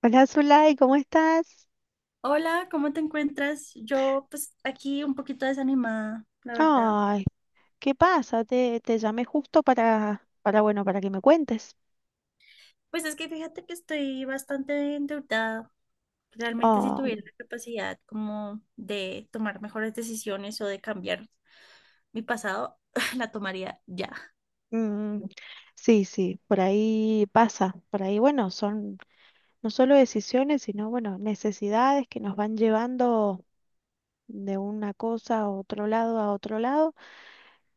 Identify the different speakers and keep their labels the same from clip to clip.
Speaker 1: Hola Zulay, ¿cómo estás?
Speaker 2: Hola, ¿cómo te encuentras? Yo pues aquí un poquito desanimada, la verdad.
Speaker 1: Ay, ¿qué pasa? Te llamé justo para que me cuentes.
Speaker 2: Pues es que fíjate que estoy bastante endeudada. Realmente si
Speaker 1: Ah,
Speaker 2: tuviera la capacidad como de tomar mejores decisiones o de cambiar mi pasado, la tomaría ya.
Speaker 1: mm, sí, sí, por ahí pasa. Por ahí, bueno, son no solo decisiones, sino, bueno, necesidades que nos van llevando de una cosa a otro lado, a otro lado.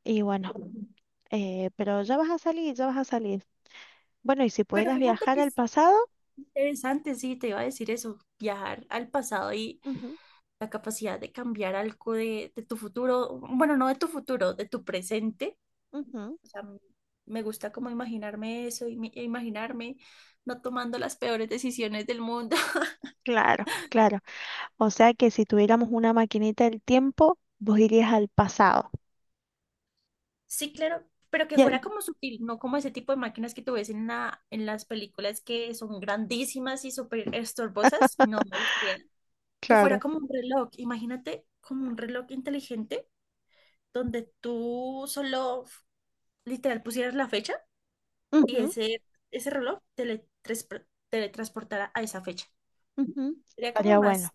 Speaker 1: Y bueno, pero ya vas a salir, ya vas a salir. Bueno, y si
Speaker 2: Pero
Speaker 1: pudieras
Speaker 2: fíjate
Speaker 1: viajar
Speaker 2: que
Speaker 1: al
Speaker 2: es
Speaker 1: pasado,
Speaker 2: interesante, sí, te iba a decir eso, viajar al pasado y
Speaker 1: ujú,
Speaker 2: la capacidad de cambiar algo de tu futuro, bueno, no de tu futuro, de tu presente.
Speaker 1: ujú,
Speaker 2: O sea, me gusta como imaginarme eso e imaginarme no tomando las peores decisiones del mundo.
Speaker 1: claro, claro. O sea que si tuviéramos una maquinita del tiempo, vos irías al pasado.
Speaker 2: Sí, claro, pero que
Speaker 1: Y
Speaker 2: fuera
Speaker 1: él,
Speaker 2: como sutil, no como ese tipo de máquinas que tú ves en en las películas que son grandísimas y súper estorbosas. No me gustaría que fuera
Speaker 1: claro.
Speaker 2: como un reloj. Imagínate como un reloj inteligente donde tú solo literal pusieras la fecha y
Speaker 1: Ujú,
Speaker 2: ese reloj teletransportara a esa fecha.
Speaker 1: ujú,
Speaker 2: Sería como
Speaker 1: estaría bueno.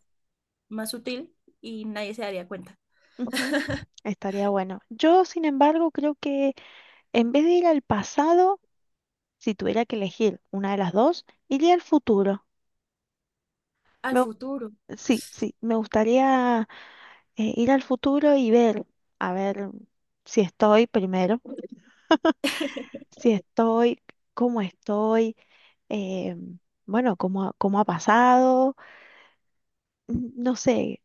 Speaker 2: más sutil y nadie se daría cuenta.
Speaker 1: Ujú, estaría bueno. Yo, sin embargo, creo que en vez de ir al pasado, si tuviera que elegir una de las dos, iría al futuro.
Speaker 2: Al
Speaker 1: Me gu-
Speaker 2: futuro.
Speaker 1: sí, sí, me gustaría ir al futuro y ver, a ver si estoy primero, si estoy, cómo estoy, eh, bueno, cómo, cómo ha pasado. No sé,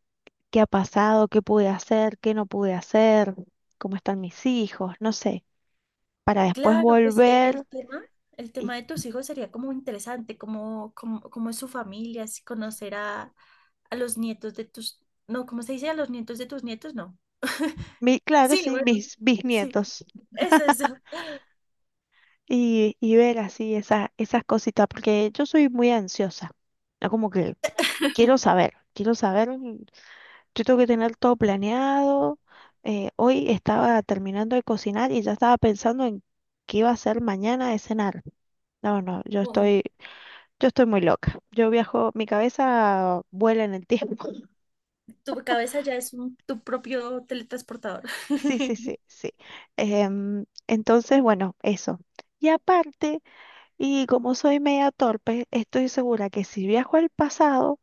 Speaker 1: qué ha pasado, qué pude hacer, qué no pude hacer, cómo están mis hijos, no sé, para después
Speaker 2: Claro, pues
Speaker 1: volver
Speaker 2: el
Speaker 1: y,
Speaker 2: tema de tus hijos sería como interesante, como, como es su familia, si conocer a los nietos de tus, no, ¿cómo se dice? A los nietos de tus nietos, no.
Speaker 1: mi, claro,
Speaker 2: Sí,
Speaker 1: sí,
Speaker 2: bueno,
Speaker 1: mis
Speaker 2: sí,
Speaker 1: bisnietos
Speaker 2: eso es.
Speaker 1: y ver así esa, esas cositas, porque yo soy muy ansiosa, ¿no? Como que quiero saber, mm, yo tengo que tener todo planeado, hoy estaba terminando de cocinar y ya estaba pensando en qué iba a hacer mañana de cenar. No, no, yo
Speaker 2: Como
Speaker 1: estoy... Yo estoy muy loca. Yo viajo, mi cabeza vuela en el tiempo.
Speaker 2: tu cabeza ya es tu propio teletransportador.
Speaker 1: Sí, sí, sí, sí. Entonces, bueno, eso. Y aparte, y como soy media torpe, estoy segura que si viajo al pasado,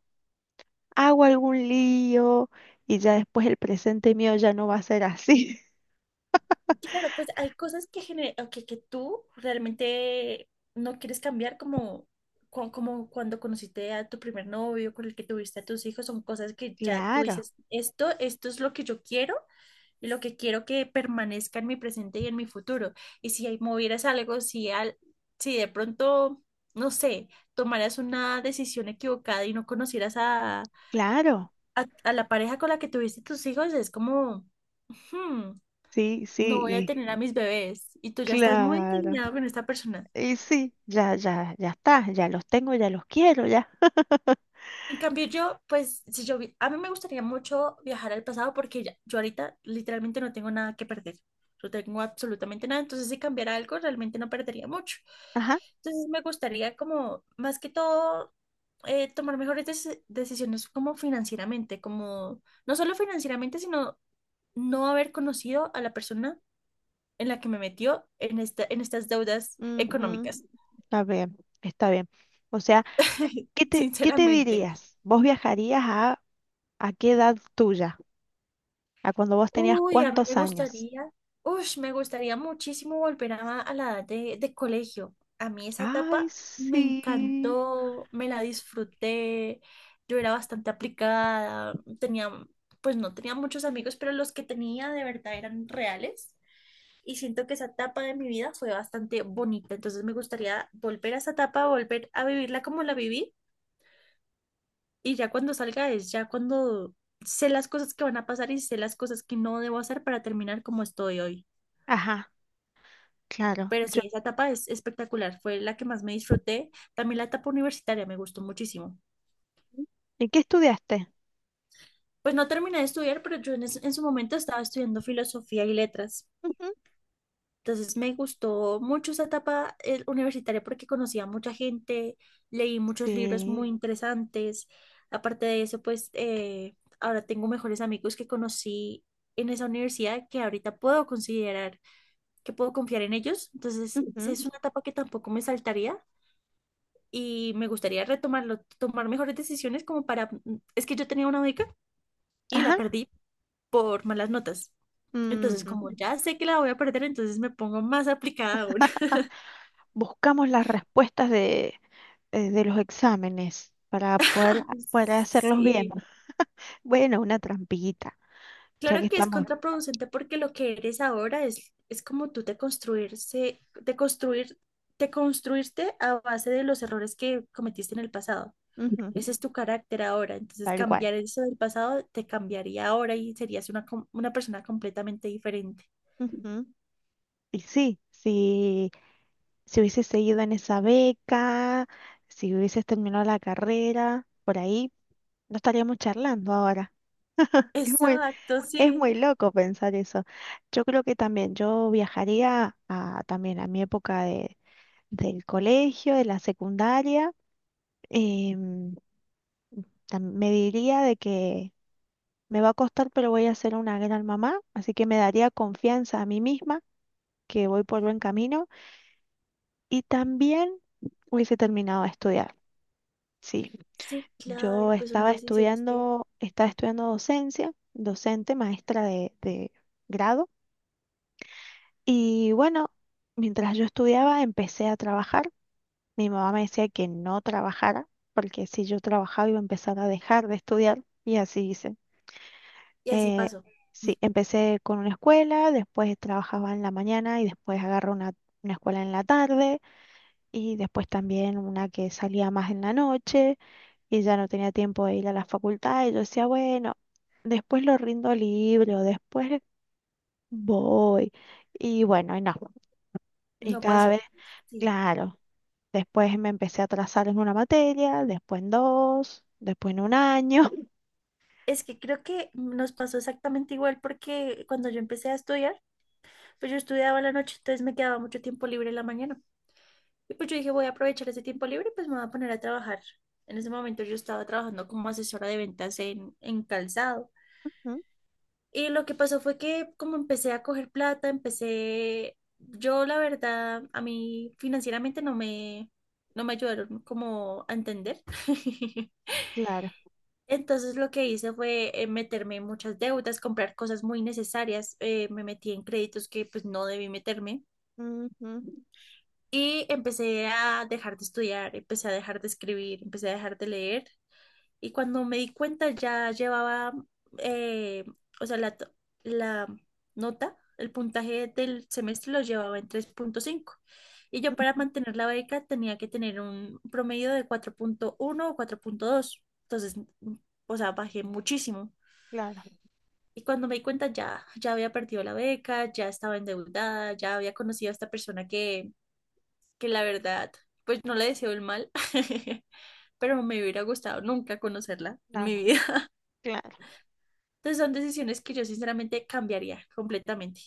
Speaker 1: hago algún lío y ya después el presente mío ya no va a ser así.
Speaker 2: Claro, pues hay cosas que, que tú realmente no quieres cambiar, como, como cuando conociste a tu primer novio, con el que tuviste a tus hijos, son cosas que ya tú
Speaker 1: Claro,
Speaker 2: dices, esto es lo que yo quiero y lo que quiero que permanezca en mi presente y en mi futuro. Y si ahí movieras algo, si, al, si de pronto, no sé, tomaras una decisión equivocada y no conocieras
Speaker 1: claro.
Speaker 2: a la pareja con la que tuviste tus hijos, es como
Speaker 1: Sí,
Speaker 2: no voy a
Speaker 1: sí,
Speaker 2: tener a mis bebés y tú ya estás muy
Speaker 1: claro.
Speaker 2: encariñado con esta persona.
Speaker 1: Y sí, ya, ya, ya está. Ya los tengo, ya los quiero, ya.
Speaker 2: En cambio, yo, pues, si yo, vi- a mí me gustaría mucho viajar al pasado porque yo ahorita literalmente no tengo nada que perder. No tengo absolutamente nada. Entonces, si cambiara algo, realmente no perdería mucho.
Speaker 1: Ajá.
Speaker 2: Entonces, me gustaría como, más que todo, tomar mejores decisiones como financieramente, como, no solo financieramente, sino no haber conocido a la persona en la que me metió en en estas deudas
Speaker 1: Ujú,
Speaker 2: económicas.
Speaker 1: está bien, está bien. O sea, ¿qué te, qué te
Speaker 2: Sinceramente.
Speaker 1: dirías? ¿Vos viajarías a ¿A qué edad tuya? ¿A cuando vos tenías
Speaker 2: Uy, a mí me
Speaker 1: cuántos años?
Speaker 2: gustaría, uy, me gustaría muchísimo volver a la edad de colegio. A mí esa etapa
Speaker 1: Ay,
Speaker 2: me
Speaker 1: sí.
Speaker 2: encantó, me la disfruté, yo era bastante aplicada, tenía, pues no tenía muchos amigos, pero los que tenía de verdad eran reales. Y siento que esa etapa de mi vida fue bastante bonita, entonces me gustaría volver a esa etapa, volver a vivirla como la viví. Y ya cuando salga es ya cuando sé las cosas que van a pasar y sé las cosas que no debo hacer para terminar como estoy hoy.
Speaker 1: Ajá, claro.
Speaker 2: Pero sí,
Speaker 1: Yo.
Speaker 2: esa etapa es espectacular, fue la que más me disfruté. También la etapa universitaria me gustó muchísimo.
Speaker 1: ¿Y qué estudiaste?
Speaker 2: Pues no terminé de estudiar, pero yo en su momento estaba estudiando filosofía y letras.
Speaker 1: Ujú.
Speaker 2: Entonces me gustó mucho esa etapa universitaria porque conocí a mucha gente, leí muchos libros muy
Speaker 1: Sí.
Speaker 2: interesantes. Aparte de eso, pues ahora tengo mejores amigos que conocí en esa universidad que ahorita puedo considerar que puedo confiar en ellos. Entonces esa
Speaker 1: Ujú.
Speaker 2: es una etapa que tampoco me saltaría y me gustaría retomarlo, tomar mejores decisiones como para... es que yo tenía una beca y la
Speaker 1: Ajá.
Speaker 2: perdí por malas notas. Entonces,
Speaker 1: Ujú.
Speaker 2: como ya sé que la voy a perder, entonces me pongo más aplicada aún.
Speaker 1: Buscamos las respuestas de los exámenes poder hacerlos bien.
Speaker 2: Sí,
Speaker 1: Bueno, una trampita, ya que
Speaker 2: claro que es
Speaker 1: estamos
Speaker 2: contraproducente porque lo que eres ahora es como tú te construirse, te construir, te construirte a base de los errores que cometiste en el pasado.
Speaker 1: ujú,
Speaker 2: Ese es tu carácter ahora. Entonces
Speaker 1: tal cual.
Speaker 2: cambiar eso del pasado te cambiaría ahora y serías una persona completamente diferente.
Speaker 1: Ujú. Y sí, sí. Si hubieses seguido en esa beca, si hubieses terminado la carrera, por ahí no estaríamos charlando ahora. Es muy,
Speaker 2: Exacto,
Speaker 1: es
Speaker 2: sí.
Speaker 1: muy loco pensar eso. Yo creo que también yo viajaría a, también a mi época de, del colegio, de la secundaria. em, Me diría de que me va a costar, pero voy a ser una gran mamá, así que me daría confianza a mí misma que voy por buen camino y también hubiese terminado de estudiar. Sí.
Speaker 2: Sí, claro,
Speaker 1: Yo
Speaker 2: pues son decisiones que...
Speaker 1: estaba estudiando docencia, docente, maestra de grado. Y bueno, mientras yo estudiaba, empecé a trabajar. Mi mamá me decía que no trabajara, porque si yo trabajaba iba a empezar a dejar de estudiar. Y así hice.
Speaker 2: Y así
Speaker 1: Eh,
Speaker 2: pasó,
Speaker 1: sí, empecé con una escuela, después trabajaba en la mañana y después agarré una escuela en la tarde y después también una que salía más en la noche. Y ya no tenía tiempo de ir a la facultad y yo decía, bueno, después lo rindo libre o después voy. Y bueno, y no. Y
Speaker 2: no
Speaker 1: cada
Speaker 2: pasó.
Speaker 1: vez,
Speaker 2: Sí.
Speaker 1: claro, después me empecé a atrasar en una materia, después en dos, después en un año.
Speaker 2: Es que creo que nos pasó exactamente igual porque cuando yo empecé a estudiar, pues yo estudiaba la noche, entonces me quedaba mucho tiempo libre en la mañana. Y pues yo dije, voy a aprovechar ese tiempo libre, pues me voy a poner a trabajar. En ese momento yo estaba trabajando como asesora de ventas en calzado.
Speaker 1: Ujú,
Speaker 2: Y lo que pasó fue que como empecé a coger plata, empecé, yo la verdad, a mí financieramente no me ayudaron como a entender.
Speaker 1: claro.
Speaker 2: Entonces lo que hice fue meterme en muchas deudas, comprar cosas muy necesarias, me metí en créditos que pues no debí meterme.
Speaker 1: Ujú,
Speaker 2: Y empecé a dejar de estudiar, empecé a dejar de escribir, empecé a dejar de leer. Y cuando me di cuenta ya llevaba, eh, o sea, la, to- la nota, el puntaje del semestre lo llevaba en 3,5. Y yo para
Speaker 1: ujú,
Speaker 2: mantener la beca tenía que tener un promedio de 4,1 o 4,2. Entonces, o sea, bajé muchísimo.
Speaker 1: claro,
Speaker 2: Y cuando me di cuenta ya había perdido la beca, ya estaba endeudada, ya había conocido a esta persona que la verdad, pues no le deseo el mal, pero me hubiera gustado nunca conocerla en mi
Speaker 1: claro,
Speaker 2: vida.
Speaker 1: claro.
Speaker 2: Entonces son decisiones que yo sinceramente cambiaría completamente.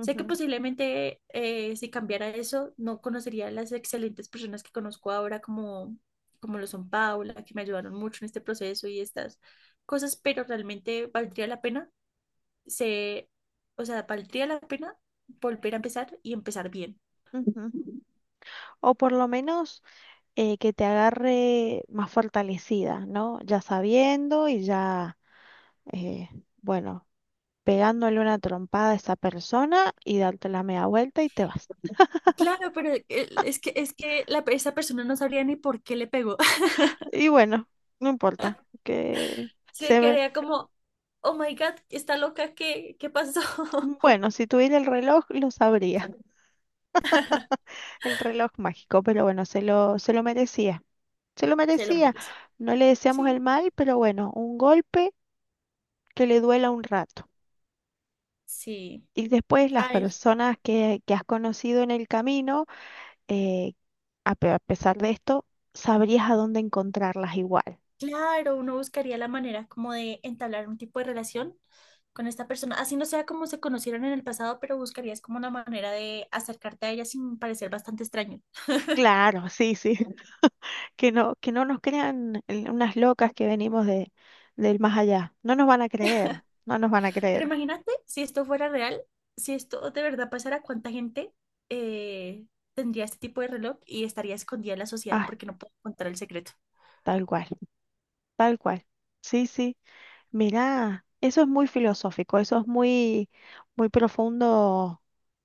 Speaker 2: Sé que posiblemente si cambiara eso, no conocería a las excelentes personas que conozco ahora, como, como lo son Paula, que me ayudaron mucho en este proceso y estas cosas, pero realmente valdría la pena, se, valdría la pena volver a empezar y empezar bien.
Speaker 1: ujú. O por lo menos que te agarre más fortalecida, ¿no? Ya sabiendo y ya, eh, bueno, pegándole una trompada a esa persona y darte la media vuelta y te vas.
Speaker 2: Claro, pero es que esa persona no sabría ni por qué le pegó.
Speaker 1: Y bueno, no importa, que
Speaker 2: Se
Speaker 1: se ve...
Speaker 2: quedaría como, oh my God, está loca, qué pasó?
Speaker 1: Bueno, si tuviera el reloj, lo sabría, el reloj mágico, pero bueno, se lo merecía, se lo
Speaker 2: Se lo
Speaker 1: merecía.
Speaker 2: merece.
Speaker 1: No le deseamos el
Speaker 2: Sí,
Speaker 1: mal, pero bueno, un golpe que le duela un rato.
Speaker 2: sí.
Speaker 1: Y después las
Speaker 2: Ay,
Speaker 1: personas que has conocido en el camino, eh, a pesar de esto, sabrías a dónde encontrarlas igual.
Speaker 2: claro, uno buscaría la manera como de entablar un tipo de relación con esta persona. Así no sea como se conocieron en el pasado, pero buscarías como una manera de acercarte a ella sin parecer bastante extraño.
Speaker 1: Claro, sí, sí. Que no, que no nos crean unas locas que venimos de, del más allá. No nos van a creer, no nos van a
Speaker 2: Pero
Speaker 1: creer.
Speaker 2: imagínate si esto fuera real, si esto de verdad pasara, ¿cuánta gente eh, tendría este tipo de reloj y estaría escondida en la sociedad
Speaker 1: Ah,
Speaker 2: porque no puede contar el secreto?
Speaker 1: tal cual, tal cual. Sí, sí. Mirá, eso es muy filosófico, eso es muy, muy profundo.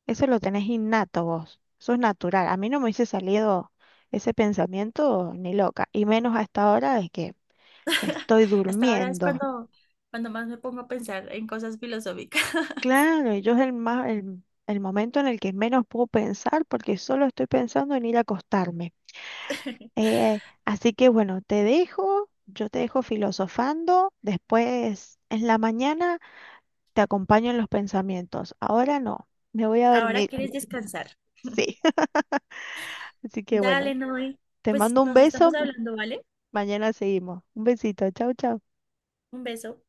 Speaker 1: Eso lo tenés innato vos, eso es natural. A mí no me hubiese salido ese pensamiento ni loca, y menos a esta hora de que me estoy
Speaker 2: Hasta ahora es
Speaker 1: durmiendo.
Speaker 2: cuando, cuando más me pongo a pensar en cosas filosóficas.
Speaker 1: Claro, y yo es el más, el momento en el que menos puedo pensar porque solo estoy pensando en ir a acostarme. Así que bueno, te dejo, yo te dejo filosofando, después en la mañana te acompaño en los pensamientos. Ahora no, me voy a
Speaker 2: Ahora
Speaker 1: dormir.
Speaker 2: quieres descansar.
Speaker 1: Sí, así que
Speaker 2: Dale,
Speaker 1: bueno,
Speaker 2: Noé.
Speaker 1: te
Speaker 2: Pues
Speaker 1: mando un
Speaker 2: nos
Speaker 1: beso,
Speaker 2: estamos hablando, ¿vale?
Speaker 1: mañana seguimos. Un besito, chau, chau.
Speaker 2: Un beso.